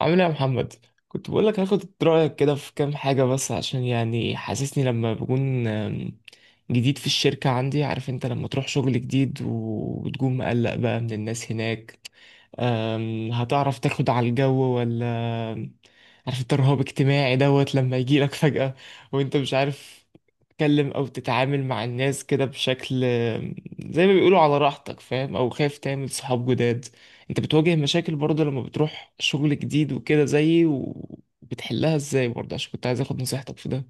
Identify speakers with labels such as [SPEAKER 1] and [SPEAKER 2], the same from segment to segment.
[SPEAKER 1] عامل ايه يا محمد؟ كنت بقول لك هاخد رأيك كده في كام حاجة، بس عشان يعني حاسسني لما بكون جديد في الشركة عندي. عارف انت لما تروح شغل جديد وتكون مقلق بقى من الناس هناك، هتعرف تاخد على الجو ولا؟ عارف انت الرهاب اجتماعي دوت لما يجيلك فجأة وانت مش عارف تتكلم او تتعامل مع الناس كده بشكل، زي ما بيقولوا على راحتك، فاهم؟ او خايف تعمل صحاب جداد. انت بتواجه مشاكل برضه لما بتروح شغل جديد وكده زيي، وبتحلها ازاي برضه؟ عشان كنت عايز اخد نصيحتك في ده.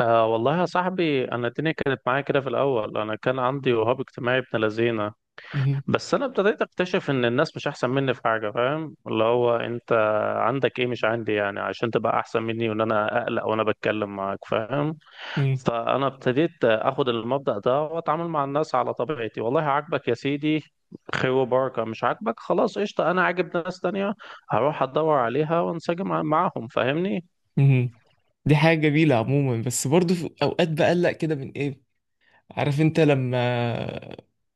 [SPEAKER 2] آه والله يا صاحبي، انا الدنيا كانت معايا كده في الاول. انا كان عندي وهاب اجتماعي ابن لذينه،
[SPEAKER 1] مهم.
[SPEAKER 2] بس انا ابتديت اكتشف ان الناس مش احسن مني في حاجه. فاهم؟ اللي هو انت عندك ايه مش عندي يعني عشان تبقى احسن مني، وان انا اقلق وانا بتكلم معاك. فاهم؟
[SPEAKER 1] مهم.
[SPEAKER 2] فانا ابتديت اخد المبدأ ده واتعامل مع الناس على طبيعتي. والله عاجبك يا سيدي، خير وبركه. مش عاجبك، خلاص قشطه، انا عاجب ناس تانية، هروح ادور عليها وانسجم معاهم. فاهمني؟
[SPEAKER 1] مهم. دي حاجة جميلة عموما، بس برضه في اوقات بقلق كده من ايه، عارف انت لما،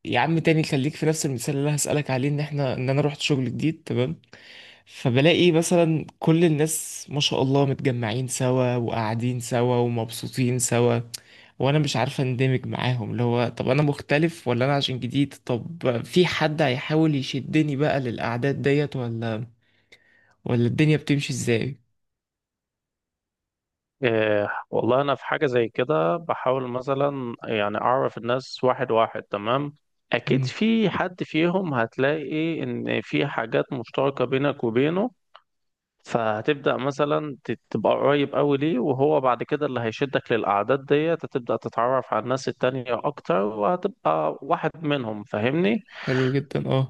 [SPEAKER 1] يا عم تاني خليك في نفس المثال اللي انا هسألك عليه. ان احنا ان انا رحت شغل جديد، تمام؟ فبلاقي مثلا كل الناس ما شاء الله متجمعين سوا وقاعدين سوا ومبسوطين سوا، وانا مش عارفة اندمج معاهم. اللي هو طب انا مختلف ولا انا عشان جديد؟ طب في حد هيحاول يشدني بقى للأعداد ديت ولا ولا الدنيا بتمشي ازاي؟
[SPEAKER 2] إيه والله، أنا في حاجة زي كده بحاول مثلا يعني أعرف الناس واحد واحد، تمام؟ أكيد
[SPEAKER 1] مم.
[SPEAKER 2] في حد فيهم هتلاقي إن في حاجات مشتركة بينك وبينه، فهتبدأ مثلا تبقى قريب أوي ليه، وهو بعد كده اللي هيشدك للأعداد ديت هتبدأ تتعرف على الناس التانية أكتر، وهتبقى واحد منهم. فاهمني؟
[SPEAKER 1] حلو جدا، اه.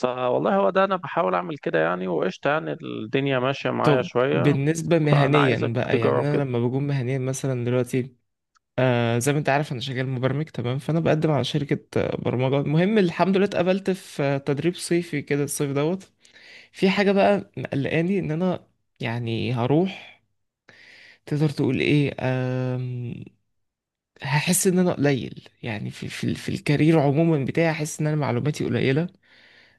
[SPEAKER 2] فوالله هو ده، أنا بحاول أعمل كده يعني، وقشطة، يعني الدنيا ماشية معايا
[SPEAKER 1] طب
[SPEAKER 2] شوية.
[SPEAKER 1] بالنسبة
[SPEAKER 2] فأنا
[SPEAKER 1] مهنيا
[SPEAKER 2] عايزك
[SPEAKER 1] بقى، يعني
[SPEAKER 2] تجرب
[SPEAKER 1] انا
[SPEAKER 2] كده.
[SPEAKER 1] لما بكون مهنيا مثلا دلوقتي، آه زي ما انت عارف انا شغال مبرمج، تمام؟ فانا بقدم على شركة برمجة. المهم الحمد لله اتقبلت في تدريب صيفي كده الصيف دوت. في حاجة بقى مقلقاني، ان انا يعني هروح، تقدر تقول ايه هحس ان انا قليل يعني في الكارير عموما بتاعي. هحس ان انا معلوماتي قليلة،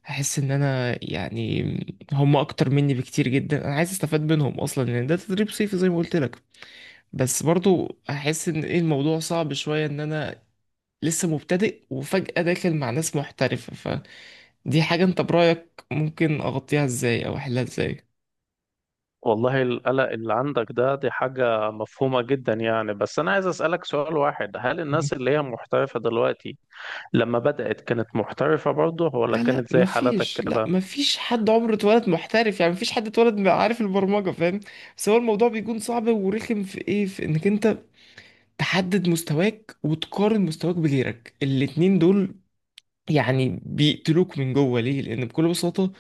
[SPEAKER 1] هحس ان انا يعني هم اكتر مني بكتير جدا. انا عايز استفاد منهم اصلا لان ده تدريب صيفي زي ما قلت لك، بس برضو احس ان ايه الموضوع صعب شوية، ان انا لسه مبتدئ وفجأة داخل مع ناس محترفة. فدي حاجة انت برأيك ممكن اغطيها ازاي او احلها ازاي؟
[SPEAKER 2] والله القلق اللي عندك ده دي حاجة مفهومة جدا يعني، بس أنا عايز أسألك سؤال واحد: هل
[SPEAKER 1] مم.
[SPEAKER 2] الناس اللي هي محترفة دلوقتي لما بدأت كانت محترفة برضه، ولا
[SPEAKER 1] لا لا،
[SPEAKER 2] كانت زي حالتك
[SPEAKER 1] مفيش، لا
[SPEAKER 2] كده؟
[SPEAKER 1] مفيش حد عمره اتولد محترف. يعني مفيش حد اتولد عارف البرمجة، فاهم؟ بس هو الموضوع بيكون صعب ورخم في ايه، في انك انت تحدد مستواك وتقارن مستواك بغيرك. الاتنين دول يعني بيقتلوك من جوه. ليه؟ لان بكل بساطة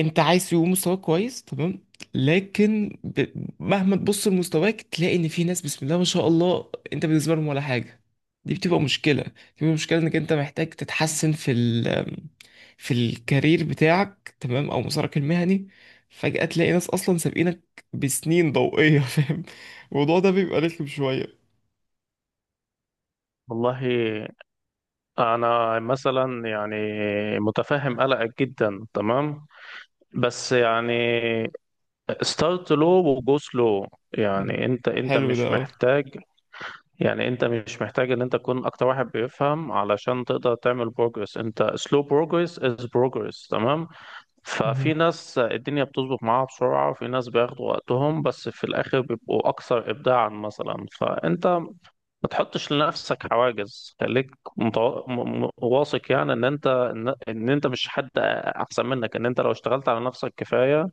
[SPEAKER 1] انت عايز يبقى مستواك كويس، تمام؟ لكن ب... مهما تبص لمستواك تلاقي ان في ناس بسم الله ما شاء الله انت بالنسبه لهم ولا حاجه. دي بتبقى مشكله، بتبقى مشكله انك انت محتاج تتحسن في ال... في الكارير بتاعك، تمام؟ او مسارك المهني. فجاه تلاقي ناس اصلا سابقينك بسنين ضوئيه فاهم؟ الموضوع ده بيبقى رخم شويه.
[SPEAKER 2] والله أنا مثلا يعني متفهم قلقك جدا، تمام؟ بس يعني ستارت لو وجو سلو.
[SPEAKER 1] مم.
[SPEAKER 2] يعني أنت
[SPEAKER 1] حلو ده،
[SPEAKER 2] مش
[SPEAKER 1] اه.
[SPEAKER 2] محتاج، يعني انت مش محتاج ان انت تكون اكتر واحد بيفهم علشان تقدر تعمل بروجرس. انت سلو بروجرس از بروجرس، تمام؟
[SPEAKER 1] مهم.
[SPEAKER 2] ففي ناس الدنيا بتظبط معاها بسرعة، وفي ناس بياخدوا وقتهم بس في الآخر بيبقوا أكثر إبداعا مثلا. فأنت ما تحطش لنفسك حواجز، خليك واثق يعني إن أنت إن أنت مش حد أحسن منك، إن أنت لو اشتغلت على نفسك كفاية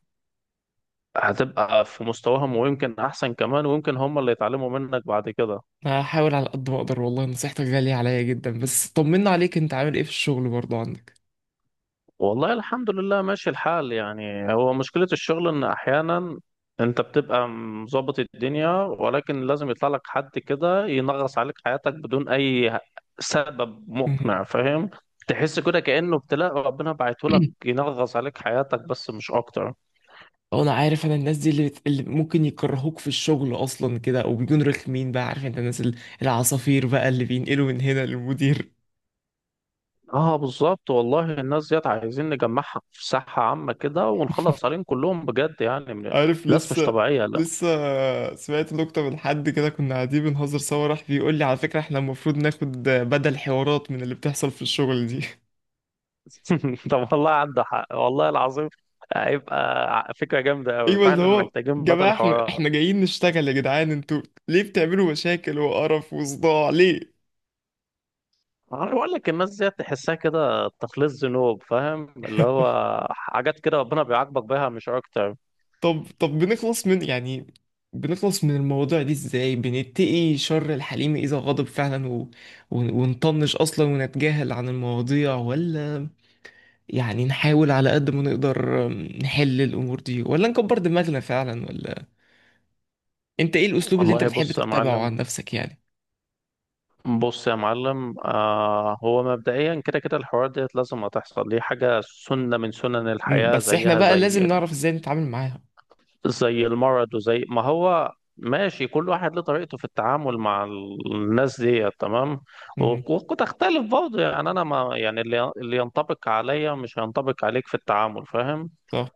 [SPEAKER 2] هتبقى في مستواهم، ويمكن أحسن كمان، ويمكن هم اللي يتعلموا منك بعد كده.
[SPEAKER 1] هحاول على قد ما اقدر والله. نصيحتك غاليه عليا جدا. بس طمنا عليك، انت عامل ايه في الشغل برضه عندك؟
[SPEAKER 2] والله الحمد لله ماشي الحال. يعني هو مشكلة الشغل إن أحيانا أنت بتبقى مظبط الدنيا، ولكن لازم يطلع لك حد كده ينغص عليك حياتك بدون أي سبب مقنع. فاهم؟ تحس كده كأنه ابتلاء ربنا بعته لك ينغص عليك حياتك، بس مش أكتر.
[SPEAKER 1] وانا عارف انا الناس دي اللي ممكن يكرهوك في الشغل اصلا كده او بيكونوا رخمين بقى. عارف انت الناس العصافير بقى اللي بينقلوا من هنا للمدير.
[SPEAKER 2] اه بالظبط، والله الناس ديت عايزين نجمعها في ساحة عامة كده ونخلص عليهم كلهم بجد، يعني
[SPEAKER 1] عارف
[SPEAKER 2] ناس مش
[SPEAKER 1] لسه،
[SPEAKER 2] طبيعية.
[SPEAKER 1] لسه سمعت نكتة من حد كده، كنا قاعدين بنهزر سوا، راح بيقول لي على فكرة احنا المفروض ناخد بدل حوارات من اللي بتحصل في الشغل دي.
[SPEAKER 2] طب والله عنده حق، والله العظيم. هيبقى فكرة جامدة أوي
[SPEAKER 1] ايوه، اللي
[SPEAKER 2] فعلا،
[SPEAKER 1] هو
[SPEAKER 2] محتاجين
[SPEAKER 1] جماعة
[SPEAKER 2] بطل
[SPEAKER 1] احنا
[SPEAKER 2] حوارات.
[SPEAKER 1] احنا جايين نشتغل يا جدعان، انتوا ليه بتعملوا مشاكل وقرف وصداع ليه؟
[SPEAKER 2] أنا بقول لك الناس دي تحسها كده تخليص ذنوب، فاهم؟ اللي هو حاجات كده ربنا بيعاقبك بيها، مش أكتر.
[SPEAKER 1] طب طب، بنخلص من يعني بنخلص من المواضيع دي ازاي؟ بنتقي شر الحليم اذا غضب فعلا، و... ونطنش اصلا ونتجاهل عن المواضيع، ولا يعني نحاول على قد ما نقدر نحل الامور دي؟ ولا نكبر دماغنا فعلا، ولا انت ايه الاسلوب اللي انت
[SPEAKER 2] والله
[SPEAKER 1] بتحب
[SPEAKER 2] بص يا
[SPEAKER 1] تتبعه
[SPEAKER 2] معلم،
[SPEAKER 1] عن نفسك يعني؟
[SPEAKER 2] بص يا معلم، آه، هو مبدئيا كده كده الحوار ديت لازم هتحصل، دي حاجة سنة من سنن
[SPEAKER 1] مم،
[SPEAKER 2] الحياة،
[SPEAKER 1] بس احنا
[SPEAKER 2] زيها
[SPEAKER 1] بقى لازم
[SPEAKER 2] زي
[SPEAKER 1] نعرف ازاي نتعامل معاها.
[SPEAKER 2] زي المرض، وزي ما هو ماشي. كل واحد له طريقته في التعامل مع الناس دي، تمام؟
[SPEAKER 1] مهم.
[SPEAKER 2] وتختلف برضه يعني. انا ما يعني اللي ينطبق عليا مش هينطبق عليك في التعامل. فاهم؟
[SPEAKER 1] صح.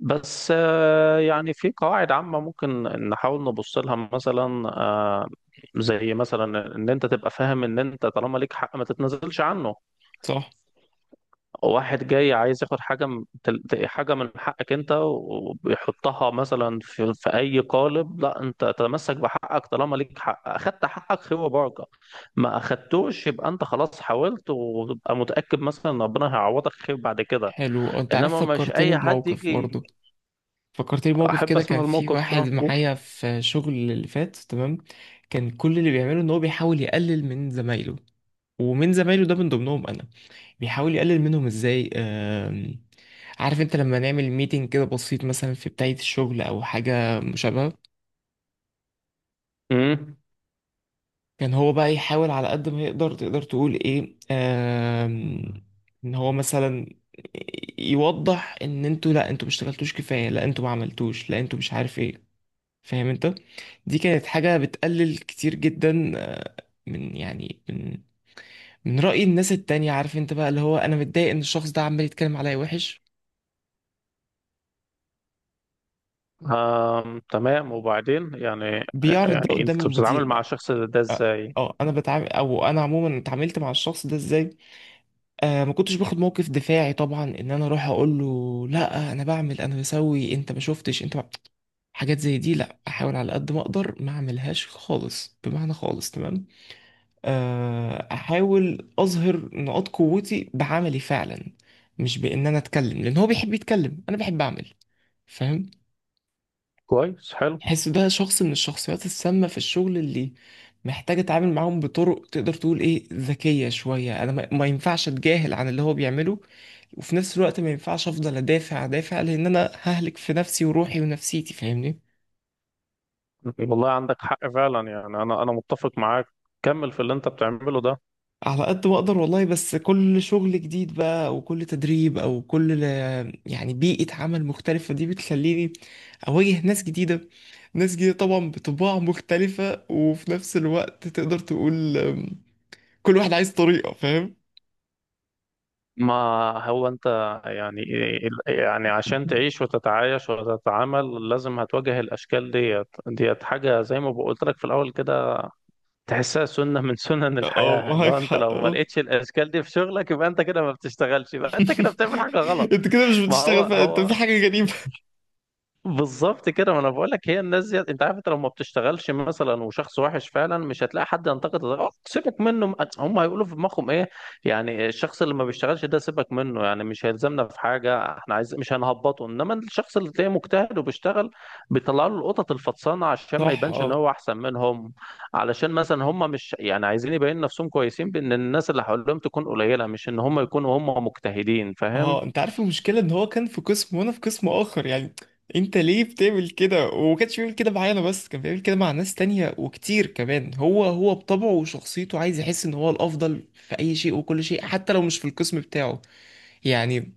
[SPEAKER 2] بس يعني في قواعد عامة ممكن نحاول نبص لها، مثلا زي مثلا ان انت تبقى فاهم ان انت طالما ليك حق ما تتنازلش عنه.
[SPEAKER 1] صح.
[SPEAKER 2] واحد جاي عايز ياخد حاجة من حاجة من حقك انت، وبيحطها مثلا في اي قالب، لا، انت تتمسك بحقك. طالما ليك حق، اخدت حقك خير وبركة، ما اخدتوش يبقى انت خلاص حاولت، وتبقى متأكد مثلا ان ربنا هيعوضك خير بعد كده.
[SPEAKER 1] حلو، انت عارف
[SPEAKER 2] انما مش
[SPEAKER 1] فكرتني
[SPEAKER 2] اي حد
[SPEAKER 1] بموقف
[SPEAKER 2] يجي.
[SPEAKER 1] برضو. فكرتني بموقف
[SPEAKER 2] احب
[SPEAKER 1] كده،
[SPEAKER 2] اسمع
[SPEAKER 1] كان في
[SPEAKER 2] الموقف
[SPEAKER 1] واحد
[SPEAKER 2] ده.
[SPEAKER 1] معايا في شغل اللي فات، تمام؟ كان كل اللي بيعمله ان هو بيحاول يقلل من زمايله. ومن زمايله ده من ضمنهم انا. بيحاول يقلل منهم ازاي، عارف انت لما نعمل ميتنج كده بسيط مثلا في بداية الشغل او حاجة مشابهة،
[SPEAKER 2] امم.
[SPEAKER 1] كان هو بقى يحاول على قد ما يقدر، تقدر تقول ايه، ان هو مثلا يوضح ان انتوا، لا انتوا مشتغلتوش كفاية، لا انتوا ما عملتوش، لا انتوا مش عارف ايه، فاهم انت؟ دي كانت حاجة بتقلل كتير جدا من يعني من رأي الناس التانية. عارف انت بقى اللي هو انا متضايق ان الشخص ده عمال يتكلم عليا وحش،
[SPEAKER 2] آم، تمام، وبعدين يعني،
[SPEAKER 1] بيعرض ده
[SPEAKER 2] يعني
[SPEAKER 1] قدام
[SPEAKER 2] انت
[SPEAKER 1] المدير
[SPEAKER 2] بتتعامل مع
[SPEAKER 1] بقى.
[SPEAKER 2] الشخص ده
[SPEAKER 1] اه،
[SPEAKER 2] ازاي؟
[SPEAKER 1] انا بتعامل، او انا عموما اتعاملت مع الشخص ده ازاي؟ آه ما كنتش باخد موقف دفاعي طبعا، ان انا اروح اقول له لا انا بعمل انا بسوي انت ما شفتش انت ما... حاجات زي دي لا، احاول على قد ما اقدر ما اعملهاش خالص، بمعنى خالص، تمام؟ احاول اظهر نقاط قوتي بعملي فعلا، مش بان انا اتكلم. لان هو بيحب يتكلم، انا بحب اعمل، فاهم؟
[SPEAKER 2] كويس، حلو.
[SPEAKER 1] حس ده شخص من الشخصيات السامة في الشغل اللي محتاج اتعامل معاهم بطرق تقدر تقول ايه، ذكية شوية. انا ما ينفعش اتجاهل عن اللي هو بيعمله، وفي نفس الوقت ما ينفعش افضل ادافع لان انا ههلك في نفسي وروحي ونفسيتي، فاهمني؟
[SPEAKER 2] والله عندك حق فعلا، يعني انا متفق معاك. كمل في اللي انت بتعمله ده.
[SPEAKER 1] على قد ما اقدر والله. بس كل شغل جديد بقى، او كل تدريب، او كل يعني بيئة عمل مختلفة، دي بتخليني اواجه ناس جديدة. ناس جديدة طبعا بطباع مختلفة، وفي نفس الوقت تقدر تقول كل واحد عايز طريقة، فاهم؟
[SPEAKER 2] ما هو انت يعني، يعني عشان تعيش وتتعايش وتتعامل لازم هتواجه الاشكال ديت. ديت حاجه زي ما قلت لك في الاول كده، تحسها سنه من سنن
[SPEAKER 1] اه،
[SPEAKER 2] الحياه، اللي هو
[SPEAKER 1] معاك
[SPEAKER 2] انت
[SPEAKER 1] حق،
[SPEAKER 2] لو ما
[SPEAKER 1] اه.
[SPEAKER 2] لقيتش الاشكال دي في شغلك يبقى انت كده ما بتشتغلش، يبقى انت كده بتعمل حاجه غلط.
[SPEAKER 1] انت كده مش
[SPEAKER 2] ما هو
[SPEAKER 1] بتشتغل، فانت
[SPEAKER 2] هو
[SPEAKER 1] في حاجة غريبة.
[SPEAKER 2] بالظبط كده، ما انا بقول لك هي الناس دي. انت عارف انت لو ما بتشتغلش مثلا وشخص وحش فعلا مش هتلاقي حد ينتقد، سيبك منه، هم هيقولوا في دماغهم ايه يعني الشخص اللي ما بيشتغلش ده سيبك منه يعني مش هيلزمنا في حاجه، احنا عايز مش هنهبطه. انما الشخص اللي تلاقيه مجتهد وبيشتغل بيطلعوا له القطط الفطسانه عشان ما
[SPEAKER 1] صح.
[SPEAKER 2] يبانش ان
[SPEAKER 1] اه
[SPEAKER 2] هو احسن منهم، علشان مثلا هم مش يعني عايزين يبين نفسهم كويسين بان الناس اللي حواليهم تكون قليله، مش ان هم يكونوا هم مجتهدين. فاهم؟
[SPEAKER 1] اه، انت عارف المشكله ان هو كان في قسم وانا في قسم اخر. يعني انت ليه بتعمل كده؟ وما كانش بيعمل كده معايا انا بس، كان بيعمل كده مع ناس تانية وكتير كمان. هو بطبعه وشخصيته عايز يحس ان هو الافضل في اي شيء وكل شيء، حتى لو مش في القسم بتاعه. يعني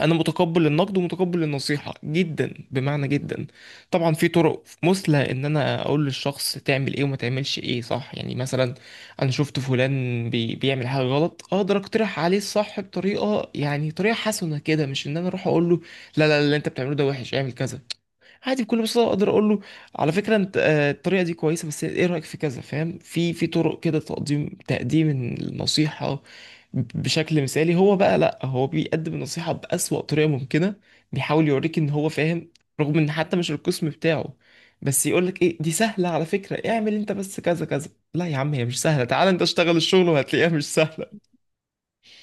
[SPEAKER 1] انا متقبل النقد ومتقبل النصيحه جدا، بمعنى جدا. طبعا في طرق مثلى ان انا اقول للشخص تعمل ايه وما تعملش ايه، صح يعني؟ مثلا انا شفت فلان بي بيعمل حاجه غلط، اقدر اقترح عليه الصح بطريقه، يعني طريقه حسنه كده، مش ان انا اروح اقول له لا لا لا اللي انت بتعمله ده وحش اعمل كذا. عادي بكل بساطه اقدر اقول له على فكره انت، الطريقه دي كويسه بس ايه رايك في كذا، فاهم؟ في طرق كده، تقديم النصيحه بشكل مثالي. هو بقى لا، هو بيقدم النصيحه بأسوأ طريقه ممكنه. بيحاول يوريك ان هو فاهم، رغم ان حتى مش القسم بتاعه، بس يقول لك ايه دي سهله على فكره اعمل انت بس كذا كذا. لا يا عم هي مش سهله، تعال انت اشتغل الشغل وهتلاقيها مش سهله.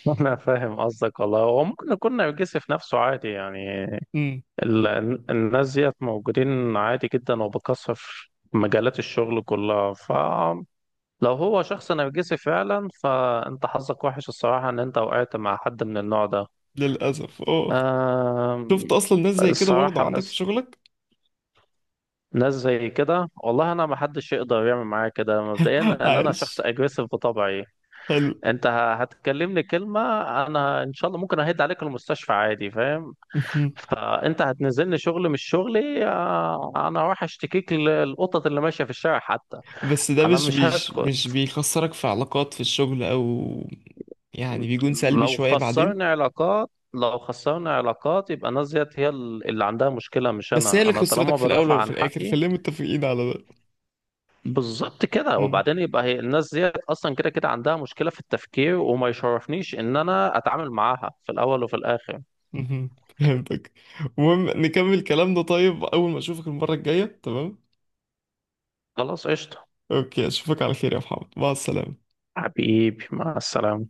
[SPEAKER 2] أنا فاهم قصدك والله. هو ممكن يكون نرجسي في نفسه، عادي يعني.
[SPEAKER 1] امم،
[SPEAKER 2] الناس ديت موجودين عادي جدا وبكثرة في مجالات الشغل كلها. فلو هو شخص نرجسي فعلا فأنت حظك وحش الصراحة إن أنت وقعت مع حد من النوع ده.
[SPEAKER 1] للاسف اه. شفت
[SPEAKER 2] آم،
[SPEAKER 1] اصلا ناس زي كده برضه
[SPEAKER 2] الصراحة
[SPEAKER 1] عندك في شغلك؟
[SPEAKER 2] ناس زي كده والله، أنا ما حدش يقدر يعمل معايا كده مبدئيا، لأن أنا شخص
[SPEAKER 1] عايش،
[SPEAKER 2] أجريسيف بطبعي.
[SPEAKER 1] حلو.
[SPEAKER 2] أنت هتكلمني كلمة أنا إن شاء الله ممكن أهد عليك المستشفى، عادي. فاهم؟ فانت هتنزلني شغل مش شغلي، انا هروح اشتكيك للقطط اللي ماشيه في الشارع حتى.
[SPEAKER 1] بس ده
[SPEAKER 2] انا مش
[SPEAKER 1] مش
[SPEAKER 2] هسكت.
[SPEAKER 1] بيخسرك في علاقات في الشغل، او يعني بيكون سلبي
[SPEAKER 2] لو
[SPEAKER 1] شوية بعدين؟
[SPEAKER 2] خسرنا علاقات، لو خسرنا علاقات، يبقى الناس ديت هي اللي عندها مشكله مش
[SPEAKER 1] بس هي
[SPEAKER 2] انا،
[SPEAKER 1] اللي
[SPEAKER 2] انا
[SPEAKER 1] خسرتك
[SPEAKER 2] طالما
[SPEAKER 1] في الاول
[SPEAKER 2] بدافع
[SPEAKER 1] وفي
[SPEAKER 2] عن
[SPEAKER 1] الاخر،
[SPEAKER 2] حقي.
[SPEAKER 1] خلينا متفقين على ده.
[SPEAKER 2] بالظبط كده.
[SPEAKER 1] مم.
[SPEAKER 2] وبعدين يبقى هي الناس ديت اصلا كده كده عندها مشكله في التفكير، وما يشرفنيش ان انا اتعامل معاها في الاول وفي الاخر.
[SPEAKER 1] مهم. فهمتك. المهم نكمل كلامنا طيب اول ما اشوفك المرة الجاية، تمام؟
[SPEAKER 2] خلاص قشطه.
[SPEAKER 1] اوكي اشوفك على خير يا محمد، مع السلامة.
[SPEAKER 2] حبيبي مع السلامه.